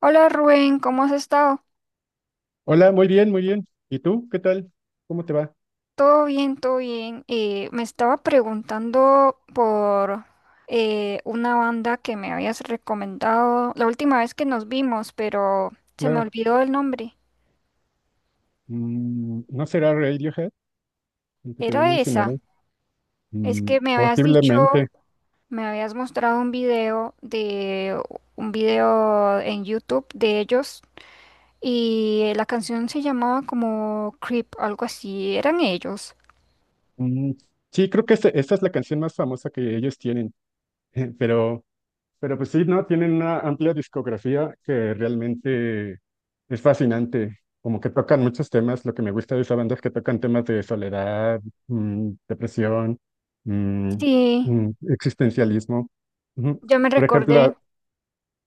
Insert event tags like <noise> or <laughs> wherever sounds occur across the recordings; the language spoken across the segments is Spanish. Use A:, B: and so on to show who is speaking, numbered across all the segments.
A: Hola Rubén, ¿cómo has estado?
B: Hola, muy bien, muy bien. ¿Y tú? ¿Qué tal? ¿Cómo te va?
A: Todo bien, todo bien. Me estaba preguntando por una banda que me habías recomendado la última vez que nos vimos, pero se me
B: Claro.
A: olvidó el nombre.
B: Mm, ¿no será Radiohead, el que te había
A: Era esa.
B: mencionado?
A: Es
B: Mm,
A: que me habías dicho,
B: posiblemente.
A: me habías mostrado un video de un video en YouTube de ellos y la canción se llamaba como Creep, algo así. Eran ellos.
B: Mm, sí, creo que esta es la canción más famosa que ellos tienen, <laughs> pero, pero pues sí, ¿no? Tienen una amplia discografía que realmente es fascinante. Como que tocan muchos temas. Lo que me gusta de esa banda es que tocan temas de soledad, depresión, mm,
A: Sí,
B: existencialismo. Ujú.
A: ya me
B: Por ejemplo,
A: recordé.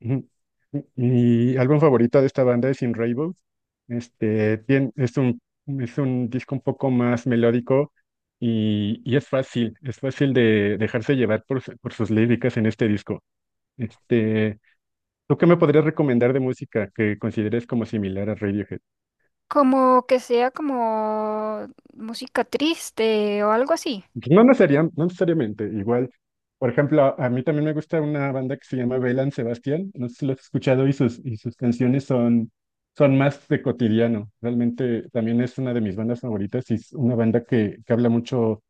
B: ujú. Mi álbum favorito de esta banda es In Rainbows. Este, es un disco un poco más melódico y es fácil de dejarse llevar por sus líricas en este disco. Este, ¿tú qué me podrías recomendar de música que consideres como similar a Radiohead?
A: Como que sea como música triste o algo así.
B: No necesariamente, igual. Por ejemplo, a mí también me gusta una banda que se llama Bailan Sebastián. No sé si lo has escuchado y sus canciones son más de cotidiano. Realmente también es una de mis bandas favoritas y es una banda que habla mucho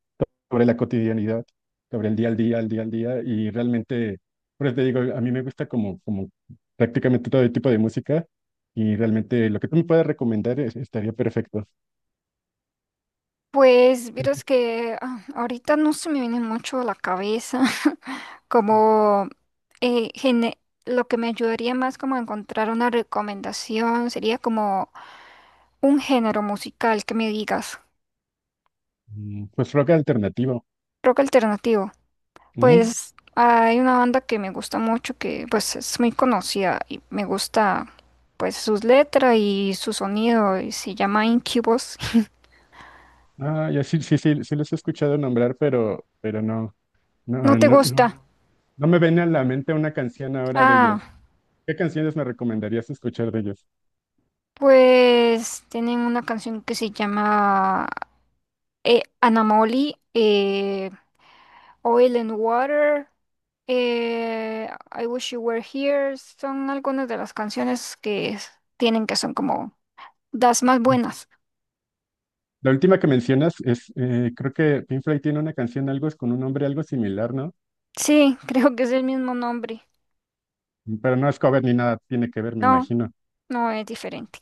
B: sobre la cotidianidad, sobre el día al día, al día al día. Y realmente, pues te digo, a mí me gusta como prácticamente todo tipo de música y realmente lo que tú me puedas recomendar estaría perfecto.
A: Pues miras que ahorita no se me viene mucho a la cabeza <laughs> como eh, gene- lo que me ayudaría más como a encontrar una recomendación sería como un género musical que me digas,
B: Pues rock alternativo.
A: rock alternativo.
B: Ujú.
A: Pues hay una banda que me gusta mucho que pues es muy conocida y me gusta pues sus letras y su sonido y se llama Incubus.
B: Ah, ya, sí, sí, sí, sí los he escuchado nombrar, pero no, no,
A: No te
B: no, no,
A: gusta.
B: no me viene a la mente una canción ahora de
A: Ah,
B: ellos. ¿Qué canciones me recomendarías escuchar de ellos?
A: pues tienen una canción que se llama Anamoli, Oil and Water, I Wish You Were Here. Son algunas de las canciones tienen que son como las más buenas.
B: La última que mencionas es, creo que Pink Floyd tiene una canción, algo es con un nombre algo similar, ¿no?
A: Sí, <laughs> creo que es el mismo nombre.
B: Pero no es cover ni nada, tiene que ver, me
A: No,
B: imagino.
A: no es diferente.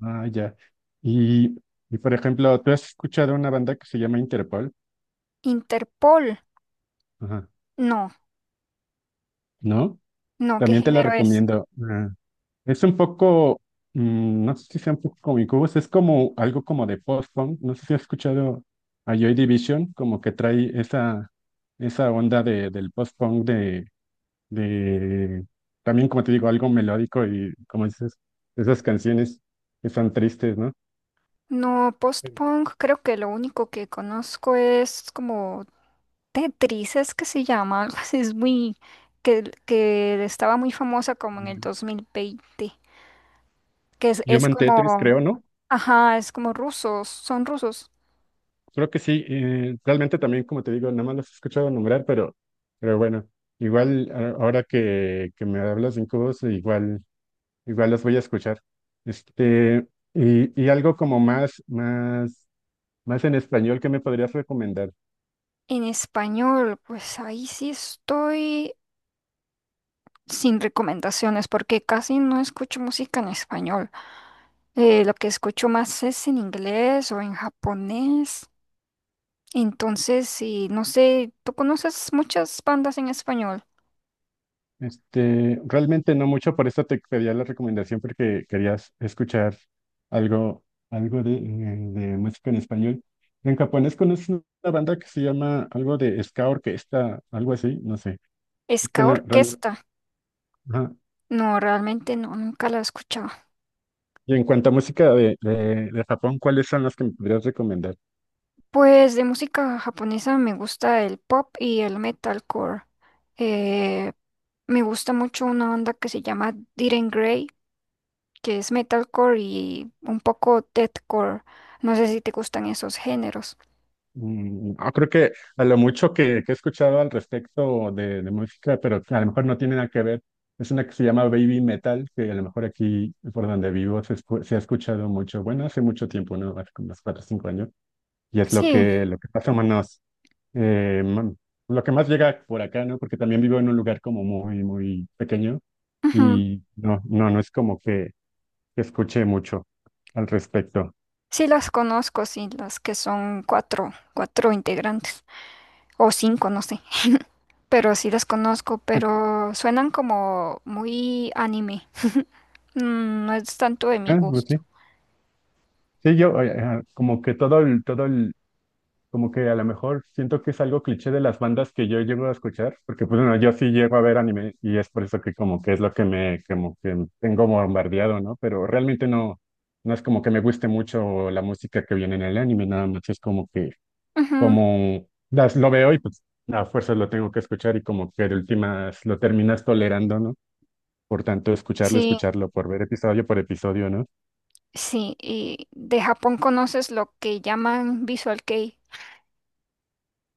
B: Ah, ya. Y, y por ejemplo, ¿tú has escuchado una banda que se llama Interpol?
A: Interpol.
B: Ajá.
A: No,
B: ¿No?
A: no, ¿qué
B: También te la
A: género es?
B: recomiendo. Ah. Es un poco, mm, no sé si sea un poco cómico, pues es como algo como de post-punk, no sé si has escuchado a Joy Division, como que trae esa onda del post-punk de, también como te digo, algo melódico y como dices, esas canciones que son tristes, ¿no?
A: No,
B: Sí.
A: post-punk, creo que lo único que conozco es como Tetris es que se llama, <laughs> algo así, es muy, que estaba muy famosa como en el
B: Eh,
A: dos mil veinte, que es
B: Human Tetris,
A: como,
B: creo, ¿no?
A: ajá, es como rusos, son rusos.
B: Creo que sí, realmente también, como te digo, nada más los he escuchado nombrar, pero bueno, igual ahora que me hablas de Incubus, igual... Igual los voy a escuchar. Este, y algo como más en español que me podrías recomendar.
A: En español, pues ahí sí estoy sin recomendaciones porque casi no escucho música en español. Lo que escucho más es en inglés o en japonés. Entonces, sí, no sé, ¿tú conoces muchas bandas en español?
B: Este, realmente no mucho, por eso te pedía la recomendación porque querías escuchar algo, algo de música en español. En japonés conoces una banda que se llama algo de ska orquesta, algo así, no sé. Y que
A: Ska
B: no, real-
A: Orquesta.
B: Ajá.
A: No, realmente no, nunca la he escuchado.
B: Y en cuanto a música de Japón, ¿cuáles son las que me podrías recomendar?
A: Pues de música japonesa me gusta el pop y el metalcore. Eh, Me gusta mucho una banda que se llama Diren Grey, que es metalcore y un poco deathcore. No sé si te gustan esos géneros.
B: No, creo que a lo mucho que he escuchado al respecto de música, pero que a lo mejor no tiene nada que ver, es una que se llama Baby Metal, que a lo mejor aquí por donde vivo se ha escuchado mucho, bueno, hace mucho tiempo, ¿no? Hace como unos 4 o 5 años, y es
A: Sí,
B: lo que pasa menos, eh, mm, lo que más llega por acá, ¿no? Porque también vivo en un lugar como muy, muy pequeño
A: ujú,
B: y no, no, no es como que escuche mucho al respecto.
A: sí las conozco, sí, las que son cuatro integrantes o cinco, no sé. Pero sí las conozco,
B: <laughs>
A: pero suenan como muy anime. Mm, no es tanto de mi
B: Ah, pues
A: gusto.
B: sí. Sí, yo como que como que a lo mejor siento que es algo cliché de las bandas que yo llego a escuchar, porque pues bueno, yo sí llego a ver anime y es por eso que como que es lo que me, como que tengo bombardeado, ¿no? Pero realmente no, no es como que me guste mucho la música que viene en el anime, nada más es como que,
A: Ujú,
B: como las, lo veo y pues a fuerzas lo tengo que escuchar y como que de últimas lo terminas tolerando, ¿no? Por tanto, escucharlo,
A: sí.
B: escucharlo, por ver episodio por episodio, ¿no?
A: Sí, y de Japón conoces lo que llaman Visual Kei.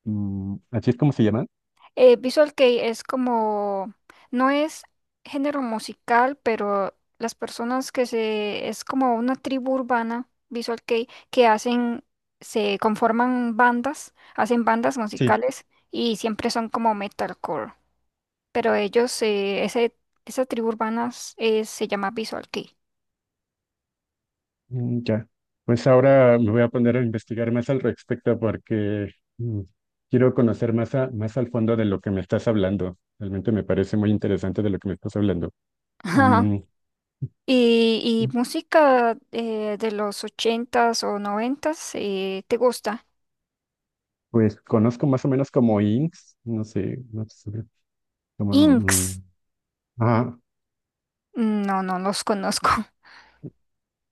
B: Mm, ¿así es como se llama?
A: Visual Kei es como, no es género musical, pero las personas es como una tribu urbana, Visual Kei, que hacen, se conforman bandas, hacen bandas
B: Sí.
A: musicales y siempre son como metalcore. Pero ellos, esa tribu urbana se llama Visual Kei.
B: Mm, ya, pues ahora me voy a poner a investigar más al respecto porque mm, quiero conocer más, más al fondo de lo que me estás hablando. Realmente me parece muy interesante de lo que me estás hablando. Mm,
A: <laughs> Y, y música de los ochentas o noventas, ¿te gusta?
B: pues conozco más o menos como INCS, no sé, no sé, como,
A: Inks.
B: mm, ah,
A: No, no los conozco. <laughs>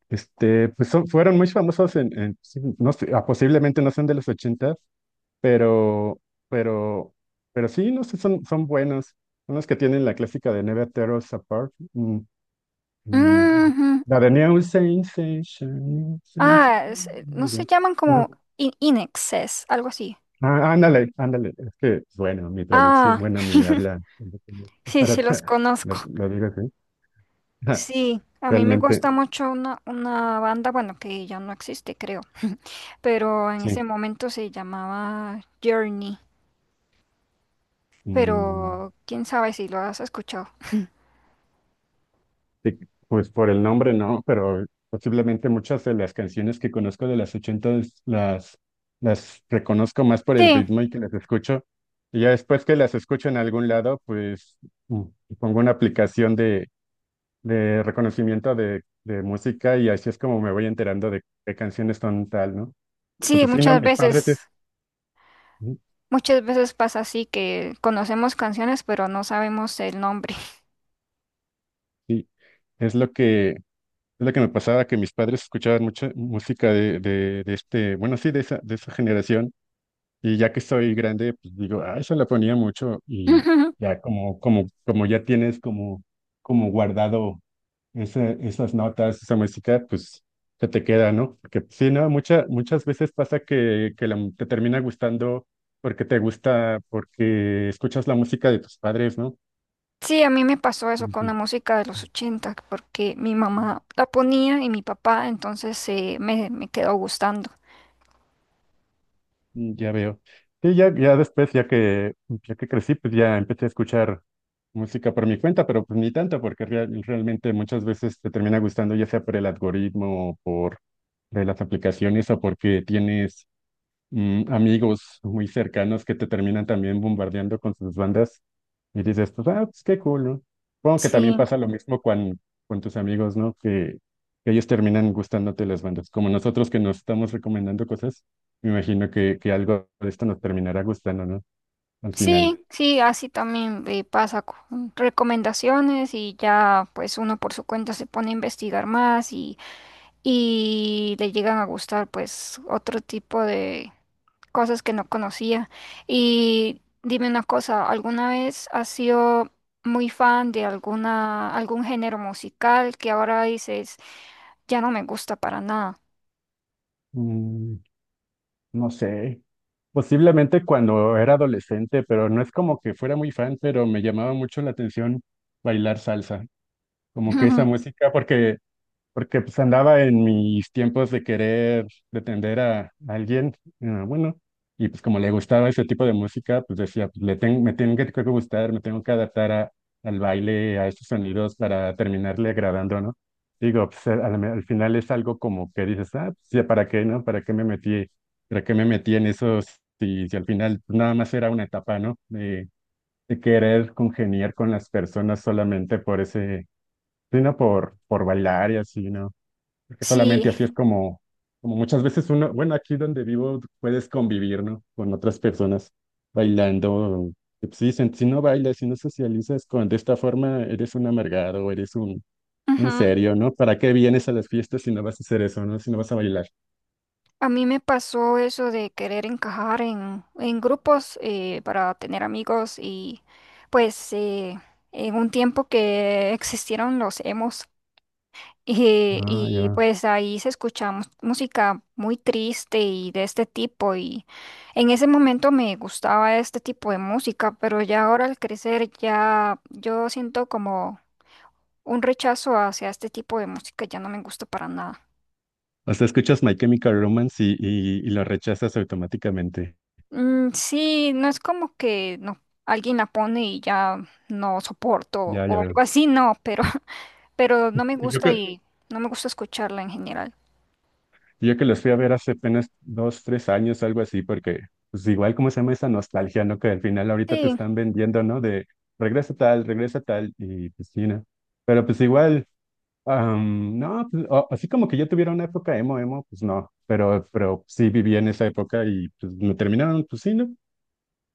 B: este, pues fueron muy famosos sí, no sé, ah, posiblemente no son de los ochentas, pero, pero, pero sí, no sé, son buenos. Son los que tienen la clásica de Never Tear Us Apart. Mm. Mm.
A: Ujú.
B: La de New Sensation. Sensation,
A: Ah, no
B: ya.
A: se llaman
B: Ajá.
A: como in Inexes, algo así.
B: Ah, ándale, ándale. Es que, bueno, mi traducción,
A: Ah,
B: bueno, mi habla es
A: sí,
B: para,
A: sí los
B: <laughs> lo,
A: conozco.
B: lo digo así. Ajá.
A: Sí, a mí me gusta
B: Realmente,
A: mucho una banda, bueno, que ya no existe, creo, pero en ese
B: sí.
A: momento se llamaba Journey,
B: Mm,
A: pero quién sabe si lo has escuchado.
B: sí, pues por el nombre no, pero posiblemente muchas de las canciones que conozco de las ochentas las reconozco más por el
A: Sí,
B: ritmo y que las escucho. Y ya después que las escucho en algún lado, pues mm, pongo una aplicación de reconocimiento de música y así es como me voy enterando de qué canciones son tal, ¿no? Porque
A: sí,
B: pues sí, no,
A: muchas
B: mis padres, es-
A: veces.
B: ujú.
A: Muchas veces pasa así que conocemos canciones pero no sabemos el nombre.
B: Sí, es lo que me pasaba, que mis padres escuchaban mucha música de este, bueno, sí, de esa generación, y ya que soy grande, pues digo, ah, eso la ponía mucho y
A: <laughs>
B: ya como ya tienes como guardado esas notas, esa música, pues se te queda, ¿no? Porque pues, sí, ¿no? Muchas veces pasa que te termina gustando porque te gusta, porque escuchas la música de tus padres, ¿no?
A: Sí, a mí me pasó eso con la
B: Ujú.
A: música de los 80 porque mi mamá la ponía y mi papá, entonces me quedó gustando.
B: Mm, ya veo. Sí, ya después, ya que crecí, pues ya empecé a escuchar música por mi cuenta, pero pues ni tanto, porque realmente muchas veces te termina gustando, ya sea por el algoritmo o por de las aplicaciones o porque tienes amigos muy cercanos que te terminan también bombardeando con sus bandas y dices, pues, ah, pues qué cool, ¿no? Supongo que también
A: Sí,
B: pasa lo mismo con, tus amigos, ¿no? Que ellos terminan gustándote las bandas. Como nosotros que nos estamos recomendando cosas, me imagino que algo de esto nos terminará gustando, ¿no? Al final.
A: sí, sí, así también pasa con recomendaciones y ya pues uno por su cuenta se pone a investigar más y le llegan a gustar pues otro tipo de cosas que no conocía. Y dime una cosa, ¿alguna vez has sido muy fan de algún género musical que ahora dices, ya no me gusta para nada?
B: Mm, no sé. Posiblemente cuando era adolescente, pero no es como que fuera muy fan, pero me llamaba mucho la atención bailar salsa. Como que esa
A: <laughs>
B: música, porque porque pues andaba en mis tiempos de querer pretender a alguien, bueno, y pues como le gustaba ese tipo de música, pues decía, pues, le tengo me tengo que gustar, me tengo que adaptar a, al baile, a estos sonidos para terminarle agradando, ¿no? Digo, pues al final es algo como que dices, ah, pues ya, ¿para qué, no? ¿Para qué me metí? ¿Para qué me metí en esos? Si al final pues, nada más era una etapa, ¿no? De querer congeniar con las personas solamente por ese, sino por bailar y así, ¿no? Porque solamente
A: Sí,
B: así es como, como muchas veces uno, bueno, aquí donde vivo puedes convivir, ¿no? Con otras personas bailando. Que, pues, sí, si no bailas, si no socializas con, de esta forma, eres un amargado, eres un
A: ujú.
B: serio, ¿no? ¿Para qué vienes a las fiestas si no vas a hacer eso, ¿no? Si no vas a bailar.
A: A mí me pasó eso de querer encajar en grupos para tener amigos y pues en un tiempo que existieron los emos.
B: Ah,
A: Y,
B: ya.
A: pues ahí se escucha música muy triste y de este tipo y en ese momento me gustaba este tipo de música, pero ya ahora al crecer ya yo siento como un rechazo hacia este tipo de música, ya no me gusta para nada.
B: O sea, escuchas My Chemical Romance y lo rechazas automáticamente.
A: Mm, sí, no es como que no, alguien la pone y ya no soporto
B: Ya, ya
A: o
B: veo.
A: algo así, no, pero, <laughs> pero no me
B: Y Yo,
A: gusta
B: cre-
A: y no me gusta escucharla en general.
B: Yo que los fui a ver hace apenas 2, 3 años, algo así, porque pues igual como se llama esa nostalgia, ¿no? Que al final ahorita te
A: Sí,
B: están vendiendo, ¿no? De regresa tal, y pues sí, ¿no? Pero pues igual, am, no, pues, o- así como que yo tuviera una época emo, emo, pues no, pero sí viví en esa época y pues me terminaron, pues sí, ¿no?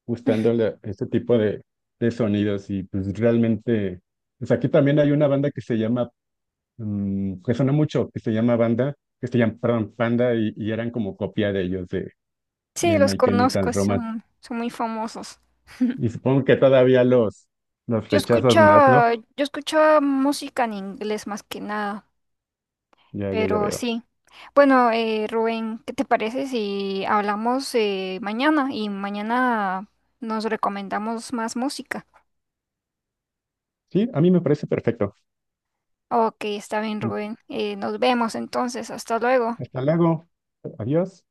B: Gustando
A: <laughs>
B: este tipo de sonidos y pues realmente, pues aquí también hay una banda que se llama que sonó mucho, que se llama Banda, que se llama, perdón, Panda, y eran como copia de ellos,
A: sí,
B: de
A: los
B: My Chemical
A: conozco,
B: Romance.
A: son, son muy famosos.
B: Y supongo que todavía los
A: Yo
B: rechazas
A: escucho
B: más, ¿no?
A: yo escucho música en inglés más que nada,
B: Ya, ya, ya
A: pero
B: veo.
A: sí. Bueno, Rubén, ¿qué te parece si hablamos mañana y mañana nos recomendamos más música?
B: Sí, a mí me parece perfecto.
A: Ok, está bien, Rubén. Nos vemos entonces. Hasta luego.
B: Hasta luego. Adiós.